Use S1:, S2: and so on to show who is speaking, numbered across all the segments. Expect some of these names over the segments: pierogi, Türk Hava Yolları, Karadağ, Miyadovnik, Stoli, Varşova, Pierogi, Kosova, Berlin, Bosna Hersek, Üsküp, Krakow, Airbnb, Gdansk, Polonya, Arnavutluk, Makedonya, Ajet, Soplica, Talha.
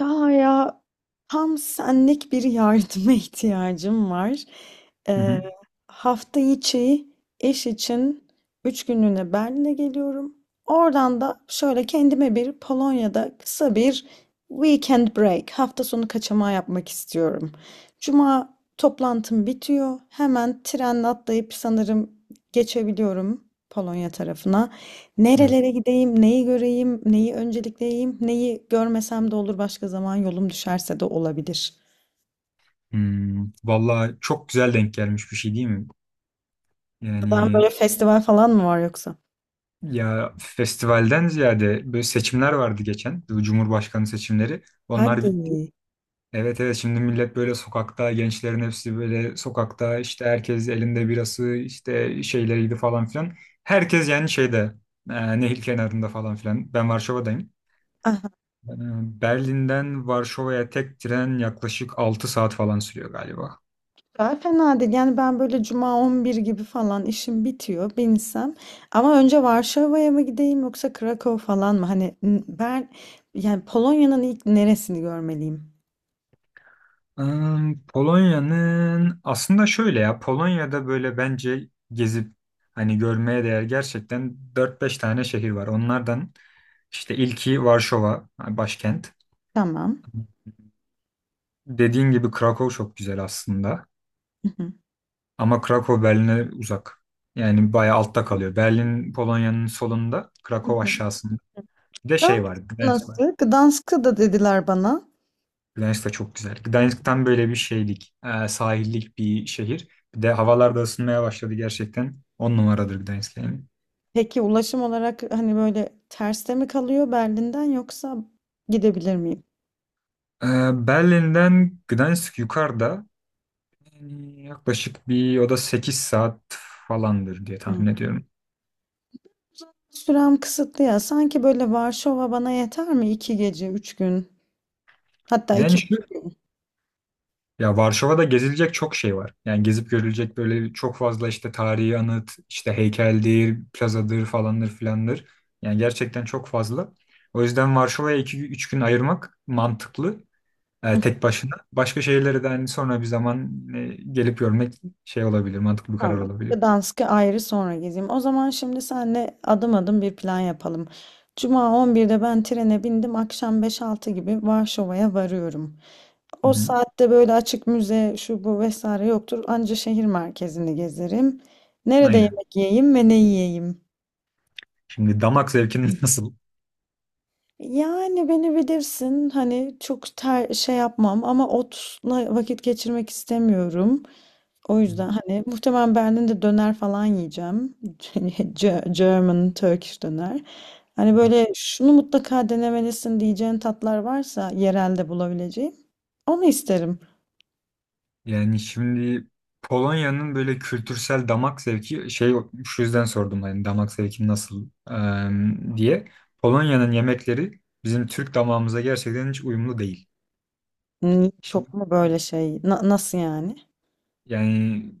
S1: Ya ya, tam senlik bir yardıma ihtiyacım var.
S2: Hı
S1: Ee,
S2: hı.
S1: Hafta içi iş için 3 günlüğüne Berlin'e geliyorum. Oradan da şöyle kendime bir Polonya'da kısa bir weekend break, hafta sonu kaçamağı yapmak istiyorum. Cuma toplantım bitiyor. Hemen trenle atlayıp sanırım geçebiliyorum Polonya tarafına.
S2: Evet.
S1: Nerelere gideyim, neyi göreyim, neyi öncelikleyeyim, neyi görmesem de olur, başka zaman yolum düşerse de olabilir.
S2: Vallahi çok güzel denk gelmiş bir şey değil mi?
S1: Buradan böyle
S2: Yani
S1: festival falan mı var yoksa?
S2: ya festivalden ziyade böyle seçimler vardı geçen. Bu Cumhurbaşkanı seçimleri. Onlar bitti.
S1: Hadi.
S2: Evet evet şimdi millet böyle sokakta gençlerin hepsi böyle sokakta işte herkes elinde birası işte şeyleriydi falan filan. Herkes yani şeyde nehir kenarında falan filan. Ben Varşova'dayım.
S1: Aha,
S2: E, Berlin'den Varşova'ya tek tren yaklaşık 6 saat falan sürüyor galiba.
S1: daha fena değil. Yani ben böyle cuma 11 gibi falan işim bitiyor, binsem. Ama önce Varşova'ya mı gideyim yoksa Krakow falan mı? Hani ben yani Polonya'nın ilk neresini görmeliyim?
S2: Polonya'nın aslında şöyle ya Polonya'da böyle bence gezip hani görmeye değer gerçekten dört beş tane şehir var. Onlardan işte ilki Varşova hani başkent.
S1: Tamam.
S2: Dediğin gibi Krakow çok güzel aslında
S1: Hı hı.
S2: ama Krakow Berlin'e uzak. Yani bayağı altta kalıyor. Berlin Polonya'nın solunda,
S1: Hı
S2: Krakow
S1: hı.
S2: aşağısında. Bir de şey
S1: Gdansk
S2: var, Gdansk var.
S1: nasıl? Gdansk'ı da dediler bana.
S2: Gdansk da çok güzel. Gdansk tam böyle bir şeylik, sahillik bir şehir. Bir de havalar da ısınmaya başladı gerçekten. On numaradır Gdansk yani.
S1: Peki ulaşım olarak hani böyle terste mi kalıyor Berlin'den yoksa gidebilir miyim?
S2: E, Berlin'den Gdansk yukarıda yani yaklaşık bir o da 8 saat falandır diye
S1: Hı.
S2: tahmin ediyorum.
S1: Sürem kısıtlı ya. Sanki böyle Varşova bana yeter mi? 2 gece, 3 gün. Hatta iki
S2: Yani şu
S1: buçuk gün.
S2: ya Varşova'da gezilecek çok şey var. Yani gezip görülecek böyle çok fazla işte tarihi anıt, işte heykeldir, plazadır falandır filandır. Yani gerçekten çok fazla. O yüzden Varşova'ya 2 üç gün ayırmak mantıklı. e,
S1: Hı.
S2: tek başına. Başka şehirlere de hani sonra bir zaman gelip görmek şey olabilir, mantıklı bir karar
S1: Tamam.
S2: olabilir.
S1: Gdansk'ı ayrı sonra gezeyim. O zaman şimdi senle adım adım bir plan yapalım. Cuma 11'de ben trene bindim. Akşam 5-6 gibi Varşova'ya varıyorum.
S2: Hı
S1: O
S2: hı.
S1: saatte böyle açık müze şu bu vesaire yoktur. Anca şehir merkezini gezerim. Nerede
S2: Aynen.
S1: yemek yiyeyim ve ne yiyeyim?
S2: Şimdi damak zevkinin nasıl?
S1: Yani beni bilirsin, hani çok şey yapmam ama otla vakit geçirmek istemiyorum. O
S2: Hı
S1: yüzden hani muhtemelen Berlin'de döner falan yiyeceğim. German, Turkish döner. Hani
S2: hı.
S1: böyle şunu mutlaka denemelisin diyeceğin tatlar varsa yerelde bulabileceğim. Onu isterim.
S2: Yani şimdi Polonya'nın böyle kültürsel damak zevki şey şu yüzden sordum hani damak zevki nasıl diye. Polonya'nın yemekleri bizim Türk damağımıza gerçekten hiç uyumlu değil.
S1: Hmm,
S2: Şimdi
S1: çok mu böyle şey? Nasıl yani?
S2: yani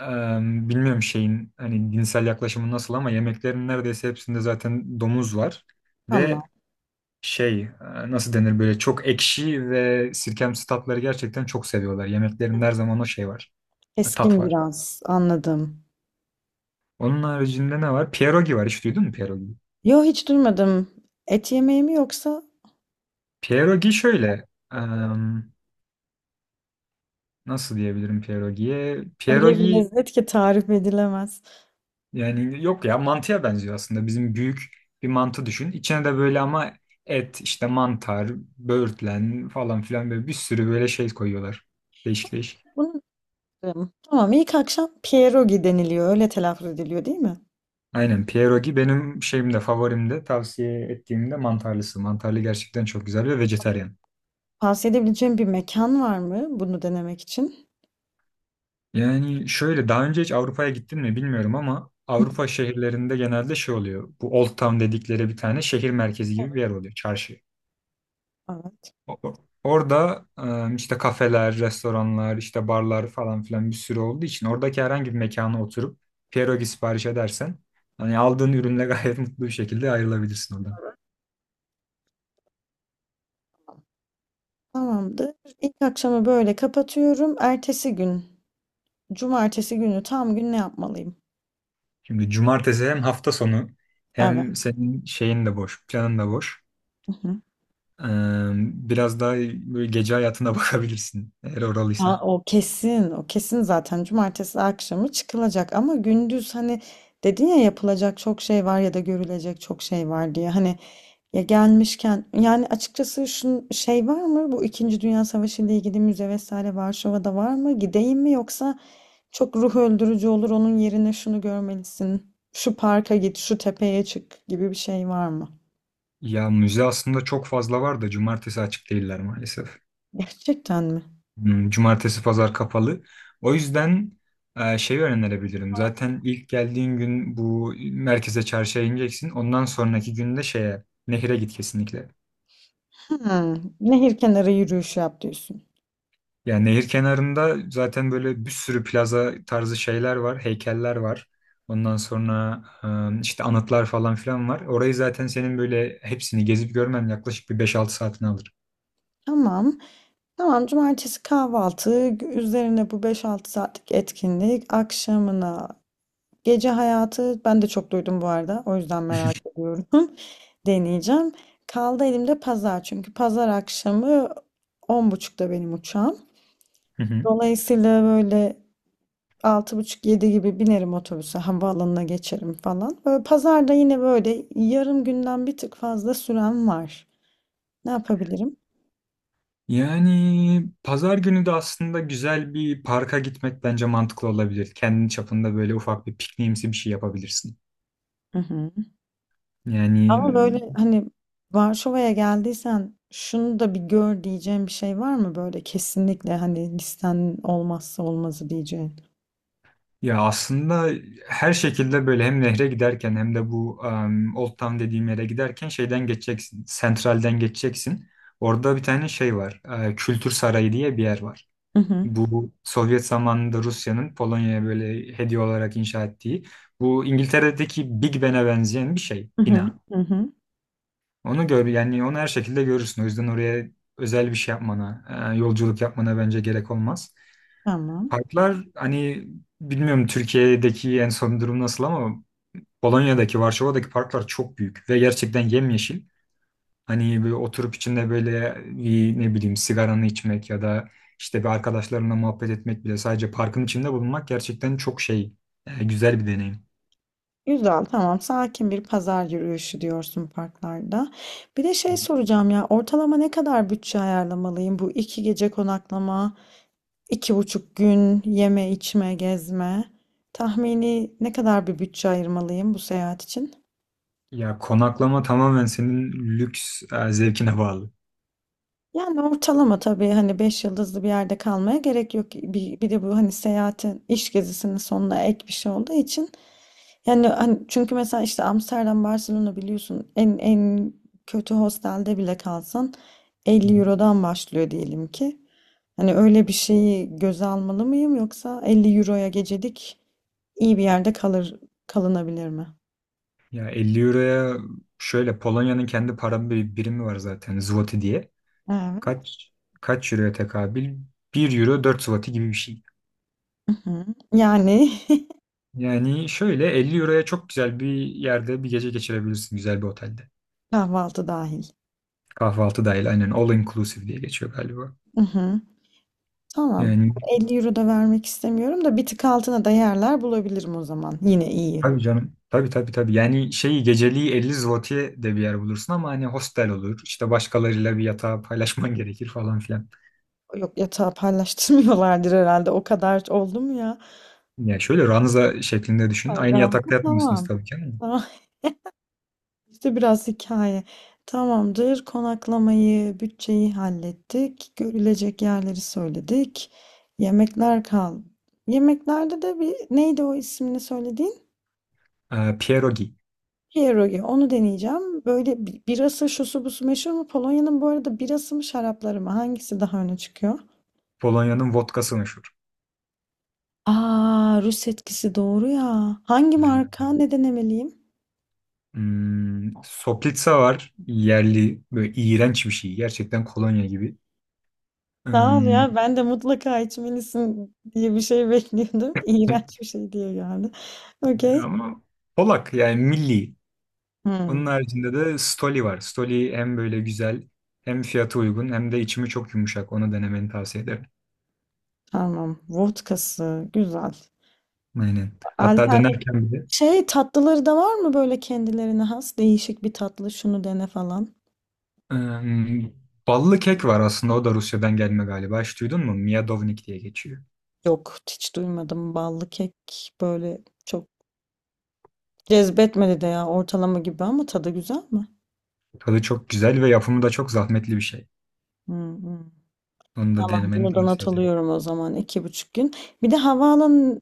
S2: bilmiyorum şeyin hani dinsel yaklaşımı nasıl ama yemeklerin neredeyse hepsinde zaten domuz var.
S1: Ama
S2: Ve şey nasıl denir böyle çok ekşi ve sirkemsi tatları gerçekten çok seviyorlar. Yemeklerin her zaman o şey var. Tat
S1: keskin,
S2: var.
S1: biraz anladım.
S2: Onun haricinde ne var? Pierogi var. Hiç duydun mu pierogi?
S1: Yo, hiç duymadım. Et yemeği mi yoksa
S2: Pierogi şöyle em, nasıl diyebilirim pierogiye?
S1: öyle bir
S2: Pierogi
S1: lezzet ki tarif edilemez.
S2: yani yok ya mantıya benziyor aslında. Bizim büyük bir mantı düşün. İçine de böyle ama et, işte mantar, böğürtlen falan filan böyle bir sürü böyle şey koyuyorlar. Değişik değişik.
S1: Bunu isterim. Tamam, ilk akşam pierogi deniliyor. Öyle telaffuz ediliyor değil mi?
S2: Aynen pierogi benim şeyimde favorimde tavsiye ettiğimde mantarlısı. Mantarlı gerçekten çok güzel ve vejetaryen.
S1: Tavsiye edebileceğim bir mekan var mı bunu denemek için?
S2: Yani şöyle daha önce hiç Avrupa'ya gittin mi bilmiyorum ama
S1: Evet.
S2: Avrupa şehirlerinde genelde şey oluyor. Bu Old Town dedikleri bir tane şehir merkezi gibi bir yer oluyor. Çarşı.
S1: Evet,
S2: O- Orada işte kafeler, restoranlar, işte barlar falan filan bir sürü olduğu için oradaki herhangi bir mekana oturup pierogi sipariş edersen hani aldığın ürünle gayet mutlu bir şekilde ayrılabilirsin oradan.
S1: tamamdır. İlk akşamı böyle kapatıyorum. Ertesi gün, cumartesi günü tam gün ne yapmalıyım?
S2: Şimdi cumartesi hem hafta sonu
S1: Evet.
S2: hem senin şeyin de boş, planın da boş. E, Biraz daha böyle gece hayatına bakabilirsin eğer
S1: Ha,
S2: oralıysan.
S1: o kesin, o kesin zaten cumartesi akşamı çıkılacak, ama gündüz hani dedin ya yapılacak çok şey var ya da görülecek çok şey var diye, hani ya gelmişken yani açıkçası şu şey var mı, bu İkinci Dünya Savaşı ile ilgili müze vesaire Varşova'da var mı, gideyim mi, yoksa çok ruh öldürücü olur, onun yerine şunu görmelisin, şu parka git, şu tepeye çık gibi bir şey var mı?
S2: Ya müze aslında çok fazla var da cumartesi açık değiller maalesef.
S1: Gerçekten mi?
S2: Cumartesi pazar kapalı. O yüzden şey önerebilirim. Zaten ilk geldiğin gün bu merkeze çarşıya ineceksin. Ondan sonraki günde şeye nehire git kesinlikle.
S1: Hmm, nehir kenarı yürüyüşü yap diyorsun.
S2: Yani nehir kenarında zaten böyle bir sürü plaza tarzı şeyler var, heykeller var. Ondan sonra işte anıtlar falan filan var. Orayı zaten senin böyle hepsini gezip görmen yaklaşık bir beş altı saatini alır.
S1: Tamam. Tamam, cumartesi kahvaltı, üzerine bu 5-6 saatlik etkinlik, akşamına gece hayatı, ben de çok duydum bu arada, o yüzden merak ediyorum. Deneyeceğim. Kaldı elimde pazar, çünkü pazar akşamı 10.30'da benim uçağım. Dolayısıyla böyle altı buçuk yedi gibi binerim otobüse, havaalanına geçerim falan. Böyle pazarda yine böyle yarım günden bir tık fazla süren var. Ne yapabilirim?
S2: Yani pazar günü de aslında güzel bir parka gitmek bence mantıklı olabilir. Kendi çapında böyle ufak bir pikniğimsi bir şey yapabilirsin.
S1: Hı hı.
S2: Yani
S1: Ama böyle hani Varşova'ya geldiysen şunu da bir gör diyeceğim bir şey var mı, böyle kesinlikle hani listenin olmazsa olmazı diyeceğin?
S2: ya aslında her şekilde böyle hem nehre giderken hem de bu Old Town dediğim yere giderken şeyden geçeceksin. Sentralden geçeceksin. Orada bir tane şey var. Kültür Sarayı diye bir yer var.
S1: Hı hı,
S2: Bu Sovyet zamanında Rusya'nın Polonya'ya böyle hediye olarak inşa ettiği. Bu İngiltere'deki Big Ben'e benzeyen bir şey,
S1: hı hı,
S2: bina.
S1: hı hı,
S2: Onu gör yani onu her şekilde görürsün. O yüzden oraya özel bir şey yapmana, yolculuk yapmana bence gerek olmaz.
S1: tamam.
S2: Parklar hani bilmiyorum Türkiye'deki en son durum nasıl ama Polonya'daki, Varşova'daki parklar çok büyük ve gerçekten yemyeşil. Hani böyle oturup içinde böyle bir ne bileyim sigaranı içmek ya da işte bir arkadaşlarına muhabbet etmek bile sadece parkın içinde bulunmak gerçekten çok şey güzel bir deneyim.
S1: Güzel, tamam. Sakin bir pazar yürüyüşü diyorsun parklarda. Bir de şey soracağım ya, ortalama ne kadar bütçe ayarlamalıyım bu iki gece konaklama, 2,5 gün yeme içme gezme? Tahmini ne kadar bir bütçe ayırmalıyım bu seyahat için?
S2: Ya konaklama tamamen senin lüks zevkine bağlı.
S1: Yani ortalama tabii, hani 5 yıldızlı bir yerde kalmaya gerek yok. Bir de bu hani seyahatin iş gezisinin sonuna ek bir şey olduğu için. Yani hani çünkü mesela işte Amsterdam, Barcelona biliyorsun en kötü hostelde bile kalsan 50 Euro'dan başlıyor diyelim ki. Hani öyle bir şeyi göze almalı mıyım yoksa 50 Euro'ya gecelik iyi bir yerde kalınabilir mi?
S2: Ya 50 euroya şöyle Polonya'nın kendi para birimi var zaten zloty diye.
S1: Evet.
S2: Kaç kaç euroya tekabül? Bir euro 4 zloty gibi bir şey.
S1: Hı hı. Yani
S2: Yani şöyle 50 euroya çok güzel bir yerde bir gece geçirebilirsin güzel bir otelde.
S1: kahvaltı dahil.
S2: Kahvaltı dahil aynen all inclusive diye geçiyor galiba.
S1: Tamam.
S2: Yani
S1: 50 euro da vermek istemiyorum da bir tık altına da yerler bulabilirim o zaman. Yine iyi.
S2: tabii canım. Tabii tabii tabii. Yani şeyi geceliği 50 zloty'ye de bir yer bulursun ama hani hostel olur. İşte başkalarıyla bir yatağı paylaşman gerekir falan filan.
S1: Yok, yatağı paylaştırmıyorlardır herhalde. O kadar oldu mu ya?
S2: Yani şöyle ranza şeklinde düşün.
S1: Ay,
S2: Aynı
S1: ben-
S2: yatakta yatmıyorsunuz
S1: Tamam.
S2: tabii ki.
S1: Tamam. İşte biraz hikaye. Tamamdır. Konaklamayı, bütçeyi hallettik. Görülecek yerleri söyledik. Yemekler kal. Yemeklerde de bir neydi o ismini söyledi?
S2: Pierogi.
S1: Pierogi. Onu deneyeceğim. Böyle birası şusu busu meşhur mu? Polonya'nın bu arada birası mı şarapları mı? Hangisi daha öne çıkıyor?
S2: Polonya'nın vodkası meşhur.
S1: Aa, Rus etkisi doğru ya. Hangi
S2: Aynen.
S1: marka?
S2: Öyle.
S1: Ne denemeliyim?
S2: Soplica var. Yerli. Böyle iğrenç bir şey. Gerçekten kolonya gibi.
S1: Sağ ol
S2: Hmm,
S1: ya. Ben de mutlaka içmelisin diye bir şey bekliyordum. İğrenç bir şey diye geldi. Okey.
S2: Ama Polak yani milli. Onun
S1: Hmm,
S2: haricinde de Stoli var. Stoli hem böyle güzel hem fiyatı uygun hem de içimi çok yumuşak. Onu denemeni tavsiye ederim.
S1: tamam. Vodkası. Güzel.
S2: Aynen. Hatta
S1: Alternatif.
S2: dönerken bile
S1: Şey tatlıları da var mı böyle kendilerine has? Değişik bir tatlı. Şunu dene falan.
S2: hmm, ballı kek var aslında. O da Rusya'dan gelme galiba. Hiç duydun mu? Miyadovnik diye geçiyor.
S1: Yok, hiç duymadım. Ballı kek böyle çok cezbetmedi de ya, ortalama gibi, ama tadı güzel mi?
S2: Tadı çok güzel ve yapımı da çok zahmetli bir şey.
S1: Hı hı.
S2: Onu da
S1: Tamam,
S2: denemeni
S1: bunu da not
S2: tavsiye ederim.
S1: alıyorum o zaman, 2,5 gün. Bir de havaalanı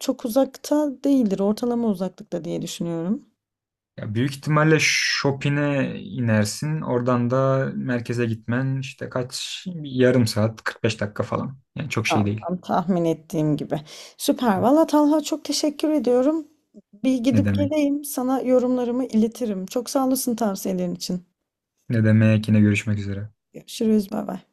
S1: çok uzakta değildir. Ortalama uzaklıkta diye düşünüyorum.
S2: Ya büyük ihtimalle Shopping'e inersin. Oradan da merkeze gitmen işte kaç bir yarım saat 45 dakika falan. Yani çok şey
S1: Tamam,
S2: değil.
S1: tam tahmin ettiğim gibi. Süper. Valla Talha, çok teşekkür ediyorum. Bir
S2: Ne
S1: gidip
S2: demek?
S1: geleyim, sana yorumlarımı iletirim. Çok sağ olasın tavsiyelerin için.
S2: Ne demek yine görüşmek üzere.
S1: Görüşürüz. Bay bay.